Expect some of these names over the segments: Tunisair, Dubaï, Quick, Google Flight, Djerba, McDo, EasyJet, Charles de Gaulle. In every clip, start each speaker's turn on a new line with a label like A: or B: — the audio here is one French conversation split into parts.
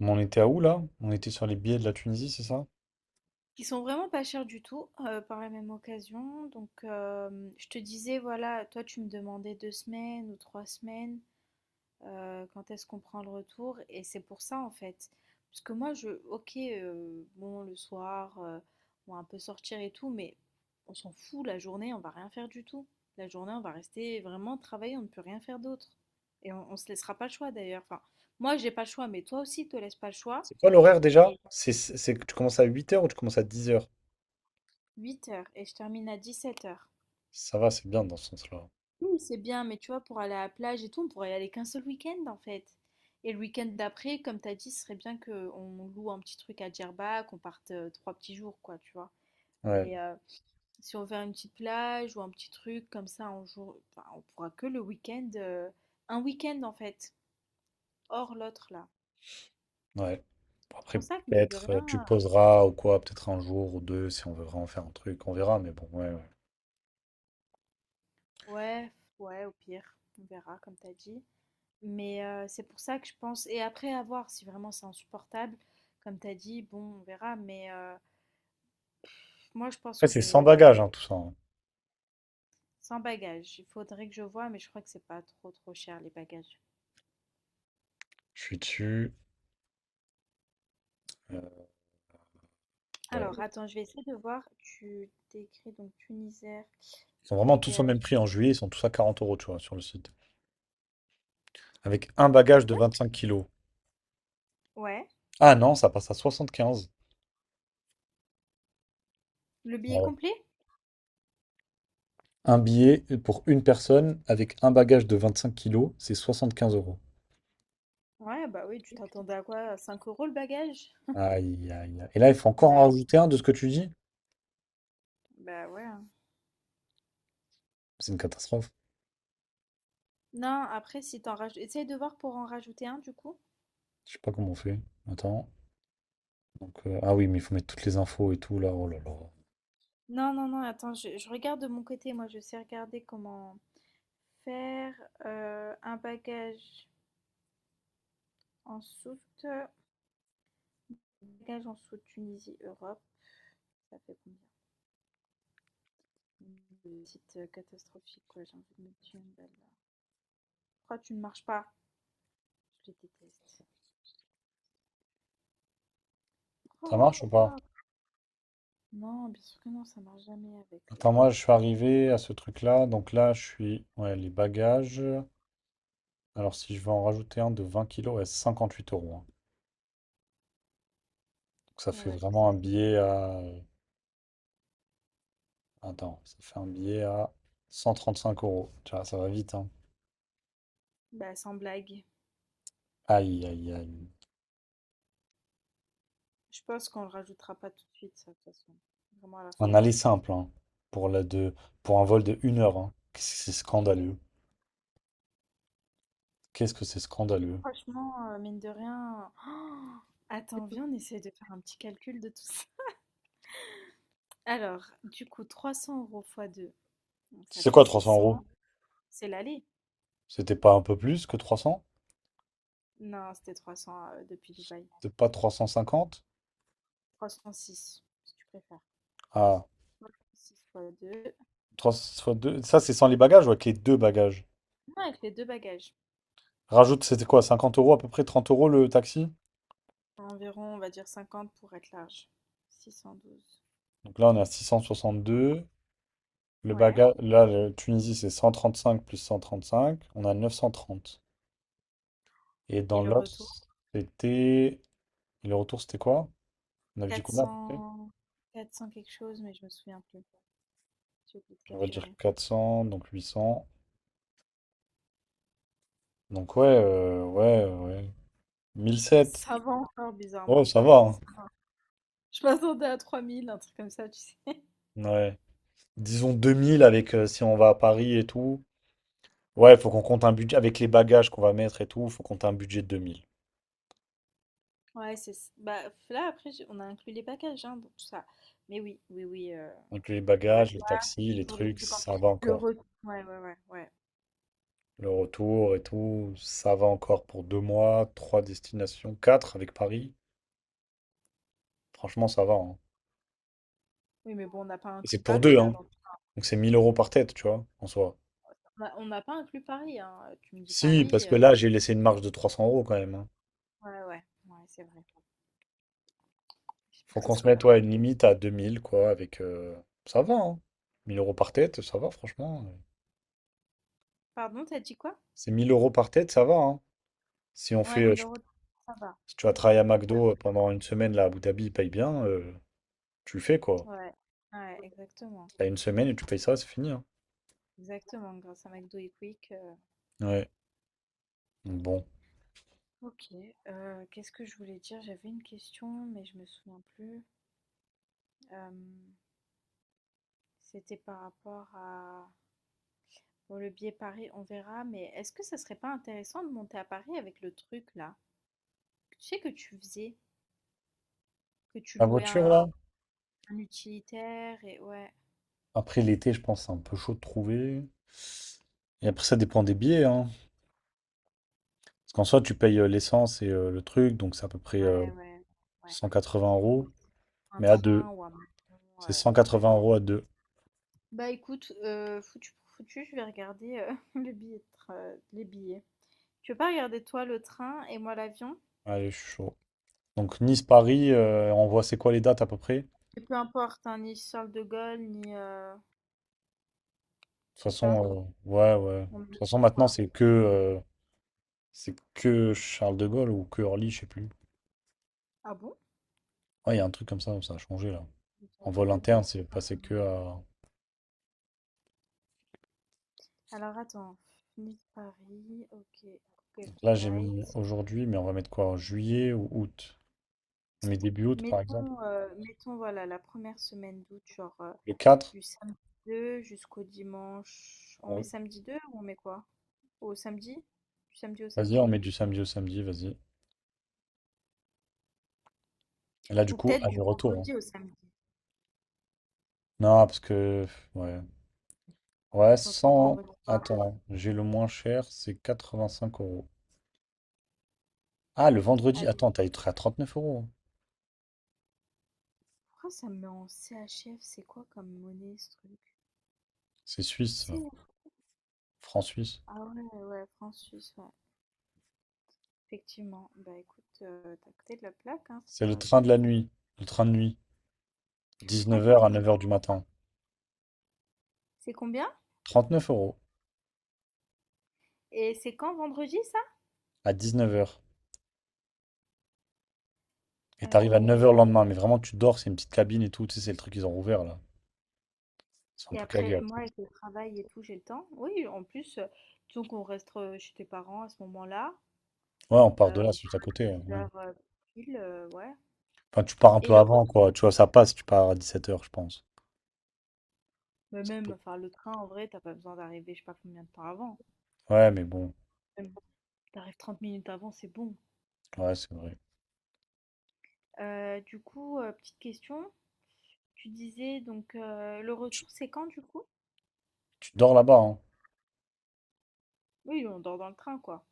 A: Mais on était à où là? On était sur les billets de la Tunisie, c'est ça?
B: Qui sont vraiment pas chers du tout, par la même occasion. Donc, je te disais, voilà, toi tu me demandais 2 semaines ou 3 semaines, quand est-ce qu'on prend le retour? Et c'est pour ça, en fait. Parce que moi je OK, bon le soir, on va un peu sortir et tout, mais on s'en fout, la journée, on va rien faire du tout. La journée, on va rester vraiment travailler, on ne peut rien faire d'autre. Et on se laissera pas le choix d'ailleurs. Enfin, moi j'ai pas le choix, mais toi aussi, te laisse pas le choix.
A: C'est quoi l'horaire déjà?
B: Et
A: C'est que tu commences à 8 h ou tu commences à 10 h?
B: 8 heures, et je termine à 17 heures.
A: Ça va, c'est bien dans ce sens-là.
B: Oui, c'est bien, mais tu vois, pour aller à la plage et tout, on pourrait y aller qu'un seul week-end en fait. Et le week-end d'après, comme t'as dit, ce serait bien qu'on loue un petit truc à Djerba, qu'on parte trois petits jours, quoi, tu vois.
A: Ouais,
B: Mais euh, Si on veut une petite plage ou un petit truc comme ça, on, enfin, on pourra que le week-end, un week-end en fait, hors l'autre là.
A: ouais. Bon,
B: C'est
A: après,
B: pour ça que mine de
A: peut-être tu
B: rien,
A: poseras ou quoi, peut-être un jour ou deux si on veut vraiment faire un truc, on verra, mais bon, ouais, ouais.
B: ouais, ouais, au pire, on verra, comme t'as dit. C'est pour ça que je pense, et après à voir si vraiment c'est insupportable, comme t'as dit, bon, on verra, mais. Moi, je pense
A: Après,
B: que
A: c'est sans bagages, hein, tout ça, hein.
B: sans bagages, il faudrait que je vois, mais je crois que c'est pas trop trop cher les bagages.
A: Je suis dessus. euh,
B: Alors,
A: ouais.
B: attends, je vais essayer de voir. Tu t'écris donc Tunisair,
A: Ils sont vraiment tous au
B: bagages.
A: même prix en juillet, ils sont tous à 40 euros, tu vois, sur le site. Avec un
B: Ça
A: bagage de
B: va.
A: 25 kilos.
B: Ouais.
A: Ah non, ça passe à 75.
B: Le
A: Ah
B: billet
A: ouais.
B: complet?
A: Un billet pour une personne avec un bagage de 25 kilos, c'est 75 euros.
B: Ouais, bah oui, tu t'attendais à quoi? À 5 € le bagage?
A: Aïe, aïe, aïe. Et là, il faut encore en
B: Bah,
A: rajouter un de ce que tu dis?
B: bah, ouais. Hein.
A: C'est une catastrophe.
B: Non, après, si t'en rajoutes. Essaye de voir pour en rajouter un du coup.
A: Je sais pas comment on fait. Attends. Donc, ah oui, mais il faut mettre toutes les infos et tout là. Oh là là.
B: Non, non, non, attends, je regarde de mon côté. Moi, je sais regarder comment faire un bagage en soute. Voyage en sous-Tunisie, Europe, ça fait combien? Le site catastrophique, quoi, j'ai envie de me tuer une balle là. Pourquoi tu ne marches pas? Je les déteste.
A: Ça
B: Pourquoi,
A: marche ou pas?
B: pourquoi? Non, bien sûr que non, ça marche jamais avec.
A: Attends, moi, je suis arrivé à ce truc-là. Donc là, je suis. Ouais, les bagages. Alors, si je veux en rajouter un de 20 kilos, ouais, c'est 58 euros, hein. Donc, ça fait
B: Ouais, est-ce que
A: vraiment un
B: c'est.
A: billet à. Attends, ça fait un billet à 135 euros. Tu vois, ça va vite, hein.
B: Bah, sans blague.
A: Aïe, aïe, aïe.
B: Je pense qu'on le rajoutera pas tout de suite, ça, de toute façon. Vraiment à la
A: Un
B: fin.
A: aller simple, hein, pour la de, pour un vol de 1 heure, hein. Qu'est-ce que c'est scandaleux. Qu'est-ce que c'est scandaleux.
B: Franchement, mine de rien. Oh, attends, viens, on essaie de faire un petit calcul de tout ça. Alors, du coup, 300 € fois deux, donc ça
A: C'est
B: fait
A: quoi 300 euros?
B: 600. C'est l'aller.
A: C'était pas un peu plus que 300.
B: Non, c'était 300 depuis Dubaï.
A: C'était pas 350?
B: 306, si tu préfères.
A: Ah,
B: Six fois 2.
A: 300 fois deux. Ça, c'est sans les bagages ou avec les deux bagages?
B: Non, avec les deux bagages.
A: Rajoute, c'était quoi? 50 € à peu près, 30 € le taxi?
B: Environ, on va dire 50 pour être large. 612.
A: Donc là, on est à deux. Le
B: Ouais.
A: bagage, là, le Tunisie, c'est 135 plus 135. On a 930. Et
B: Et
A: dans
B: le
A: l'autre,
B: retour,
A: c'était. Et le retour, c'était quoi? On avait dit
B: Quatre
A: combien à peu près.
B: cents... Quatre 400 quelque chose, mais je me souviens plus. J'ai oublié de
A: On va dire
B: capturer.
A: 400, donc 800. Donc ouais, ouais, ouais. 1007,
B: Ça va encore
A: ouais,
B: bizarrement.
A: ça va, hein.
B: Ça va. Je m'attendais à 3 000, un truc comme ça, tu sais.
A: Ouais. Disons 2000 avec si on va à Paris et tout. Ouais, faut qu'on compte un budget avec les bagages qu'on va mettre et tout, faut compter un budget de 2000.
B: Ouais, c'est. Bah, là, après, on a inclus les bagages, hein, donc tout ça. Mais oui, oui, oui.
A: Donc les
B: Pour
A: bagages,
B: être
A: les taxis, les
B: toujours des
A: trucs,
B: trucs en
A: ça va
B: le
A: encore.
B: retour, ouais, ouais, ouais, ouais.
A: Le retour et tout, ça va encore pour 2 mois, trois destinations, quatre avec Paris. Franchement, ça va, hein.
B: Oui, mais bon, on n'a pas
A: Et
B: inclus
A: c'est pour
B: Paris
A: deux,
B: là
A: hein.
B: dans tout ça.
A: Donc c'est 1 000 € par tête, tu vois, en soi.
B: On n'a pas inclus Paris, hein. Tu me dis
A: Si, parce
B: Paris,
A: que là, j'ai laissé une marge de 300 € quand même, hein.
B: ouais, ouais, ouais, c'est vrai. J'espère
A: Faut
B: que ce
A: qu'on se
B: sera pas
A: mette ouais,
B: plus.
A: une limite à 2 000 quoi, avec... Ça va, hein. 1 000 € par tête, ça va, franchement.
B: Pardon, t'as dit quoi?
A: C'est 1 000 € par tête, ça va, hein. Si on
B: Ouais,
A: fait...
B: mille euros, ça va.
A: Si tu vas travailler à
B: Pourquoi?
A: McDo pendant une semaine, là, à Abu Dhabi, ils payent bien, tu le fais, quoi.
B: Ouais, ouais, exactement.
A: T'as une semaine et tu payes ça, c'est fini, hein.
B: Exactement, grâce à McDo et Quick.
A: Ouais. Donc bon.
B: Ok, qu'est-ce que je voulais dire? J'avais une question, mais je me souviens plus. Euh, C'était par rapport à. Bon, le billet Paris, on verra, mais est-ce que ça serait pas intéressant de monter à Paris avec le truc là? Tu sais que tu faisais, que tu
A: La
B: louais
A: voiture, là?
B: un utilitaire et ouais,
A: Après l'été, je pense que c'est un peu chaud de trouver. Et après, ça dépend des billets, hein. Parce qu'en soi, tu payes l'essence et le truc, donc c'est à peu près
B: ouais, ouais, ouais,
A: 180
B: un peu
A: euros.
B: un
A: Mais à
B: train
A: deux.
B: ou un avion,
A: C'est
B: heu, ouais.
A: 180 € à deux.
B: Bah, écoute, foutu pour foutu, je vais regarder, le billet de train, les billets. Tu veux pas regarder toi le train et moi l'avion?
A: Allez, je suis chaud. Donc Nice-Paris, on voit c'est quoi les dates à peu près. De toute
B: Et peu importe, hein, ni Charles de Gaulle ni, c'est ça?
A: façon, ouais, ouais. De
B: On met
A: toute
B: le
A: façon,
B: tout,
A: maintenant,
B: quoi.
A: c'est que Charles de Gaulle ou que Orly, je sais plus.
B: Ah bon?
A: Ouais, il y a un truc comme ça a changé là.
B: Je
A: En
B: savais pas
A: vol
B: du
A: interne,
B: tout.
A: c'est passé que à...
B: Alors attends, Nice-Paris, OK, Google
A: Là, j'ai mis
B: flight.
A: aujourd'hui, mais on va mettre quoi? En juillet ou août? On met début août, par exemple.
B: Mettons, voilà la première semaine d'août, genre,
A: Le 4,
B: du samedi 2 jusqu'au dimanche, on met
A: on-
B: samedi 2 ou on met quoi? Au samedi? Du samedi au
A: vas-y, on
B: samedi?
A: met du samedi au samedi, vas-y. Et là, du
B: Ou
A: coup,
B: peut-être du
A: aller-retour, hein.
B: vendredi au samedi.
A: Non, parce que... Ouais. Ouais,
B: Si on trouve
A: 100...
B: vendredi soir.
A: Attends, j'ai le moins cher, c'est 85 euros. Ah, le vendredi.
B: Allez,
A: Attends, t'as être à neuf euros.
B: pourquoi ça me met en CHF? C'est quoi comme monnaie ce truc?
A: C'est suisse,
B: C'est.
A: ça. Franc suisse.
B: Ah ouais, ouais, franc suisse, ouais. Effectivement. Bah écoute, tu côté de la plaque, hein, c'est
A: C'est le
B: pas du
A: train de
B: franc
A: la
B: suisse.
A: nuit. Le train de nuit.
B: Ah,
A: Dix-neuf heures à 9 h du matin.
B: c'est combien?
A: 39 €
B: Et c'est quand vendredi
A: à 19 h. Et
B: ça?
A: t'arrives à 9 h le lendemain. Mais vraiment, tu dors. C'est une petite cabine et tout. Tu sais, c'est le truc qu'ils ont rouvert là. C'est un
B: Et
A: peu
B: après,
A: cagé.
B: moi, avec le travail et tout, j'ai le temps. Oui, en plus, disons qu'on reste chez tes parents à ce moment-là.
A: Ouais, on part de là,
B: On
A: c'est
B: peut
A: juste à
B: faire
A: côté,
B: 18
A: ouais.
B: heures pile, ouais.
A: Enfin, tu pars un
B: Et
A: peu
B: le
A: avant,
B: retour,
A: quoi. Tu vois, ça passe. Tu pars à 17 h, je pense.
B: mais
A: Ça
B: même,
A: peut-
B: enfin, le train, en vrai, t'as pas besoin d'arriver, je sais pas combien de temps avant.
A: Ouais, mais bon.
B: Même, t'arrives 30 minutes avant, c'est bon.
A: Ouais, c'est vrai.
B: Du coup, petite question. Tu disais, donc, le
A: Tu,
B: retour, c'est quand, du coup?
A: tu dors là-bas, hein.
B: Oui, on dort dans le train, quoi.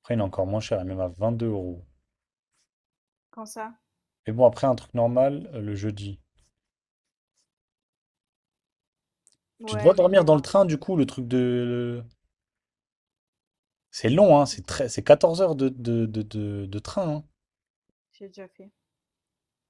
A: Après, il est encore moins cher. Il est même à 22 euros.
B: Quand ça?
A: Mais bon, après, un truc normal le jeudi. Tu dois
B: Ouais, mais
A: dormir
B: non,
A: dans le
B: non.
A: train, du coup, le truc de... C'est long, hein,
B: truc
A: c'est
B: de-
A: très... c'est 14 heures de train, hein.
B: J'ai déjà fait.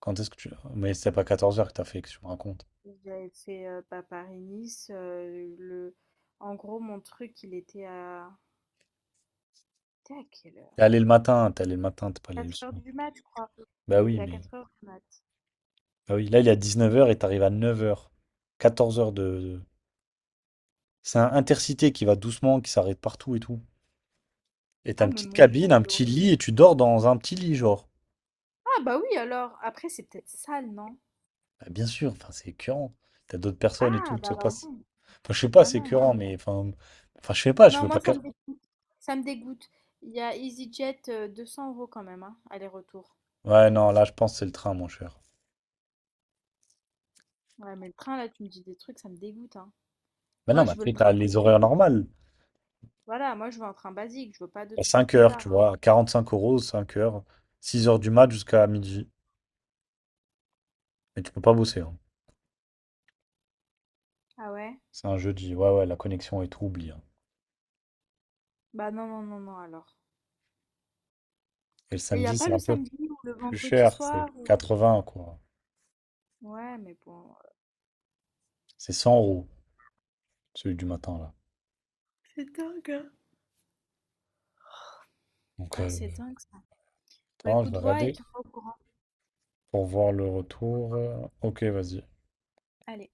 A: Quand est-ce que tu... Mais c'est pas 14 heures que t'as fait, que tu me racontes.
B: J'avais fait, bah, Paris-Nice, le en gros, mon truc, il était à quelle
A: T'es
B: heure?
A: allé le matin, t'es allé le matin, t'es pas allé le
B: 4 heures
A: soir.
B: du mat, je crois.
A: Bah
B: Il
A: oui,
B: était à
A: mais...
B: 4 heures du mat.
A: Bah oui, là, il est à 19 heures et t'arrives à 9 heures. 14 heures de... C'est un intercité qui va doucement, qui s'arrête partout et tout. Et t'as
B: Ah,
A: une
B: mais
A: petite
B: mon Dieu,
A: cabine, un
B: c'est
A: petit
B: horrible.
A: lit, et tu dors dans un petit lit, genre.
B: Ah, bah, oui, alors. Après, c'est peut-être sale, non?
A: Bah, bien sûr, enfin, c'est écœurant. T'as d'autres personnes et tout,
B: Ah, bah,
A: ça
B: non.
A: passe. Enfin, je sais pas,
B: Ah
A: c'est
B: non,
A: écœurant,
B: non.
A: mais... Enfin, je sais pas, je
B: Non,
A: veux pas...
B: moi, ça me dégoûte, ça me dégoûte. Il y a EasyJet, 200 € quand même, hein, aller-retour.
A: Ouais, non, là, je pense que c'est le train, mon cher.
B: Ouais, mais le train, là, tu me dis des trucs, ça me dégoûte, hein.
A: Mais
B: Moi,
A: non, mais
B: je veux le
A: après, t'as
B: train
A: les
B: basique.
A: horaires normales.
B: Voilà, moi, je veux un train basique, je veux pas de
A: À
B: trucs
A: 5 h, tu
B: bizarres, hein.
A: vois, à 5 euros, 5 h, 6 h du mat jusqu'à midi. Et tu peux pas bosser, hein.
B: Ah ouais?
A: C'est un jeudi. Ouais, ouais, la connexion est tout, oublie, hein.
B: Bah non, non, non, non, alors.
A: Et le
B: Et il y a
A: samedi,
B: pas
A: c'est
B: le
A: un peu
B: samedi ou le
A: plus
B: vendredi
A: cher. C'est
B: soir ou.
A: 80 quoi.
B: Ouais, mais bon.
A: C'est 100 euros, celui du matin, là. Donc,
B: Ah, c'est dingue ça. Bah
A: attends, je
B: écoute,
A: vais
B: vois et
A: regarder
B: tiens-moi au courant.
A: pour voir le retour. Ok, vas-y.
B: Allez.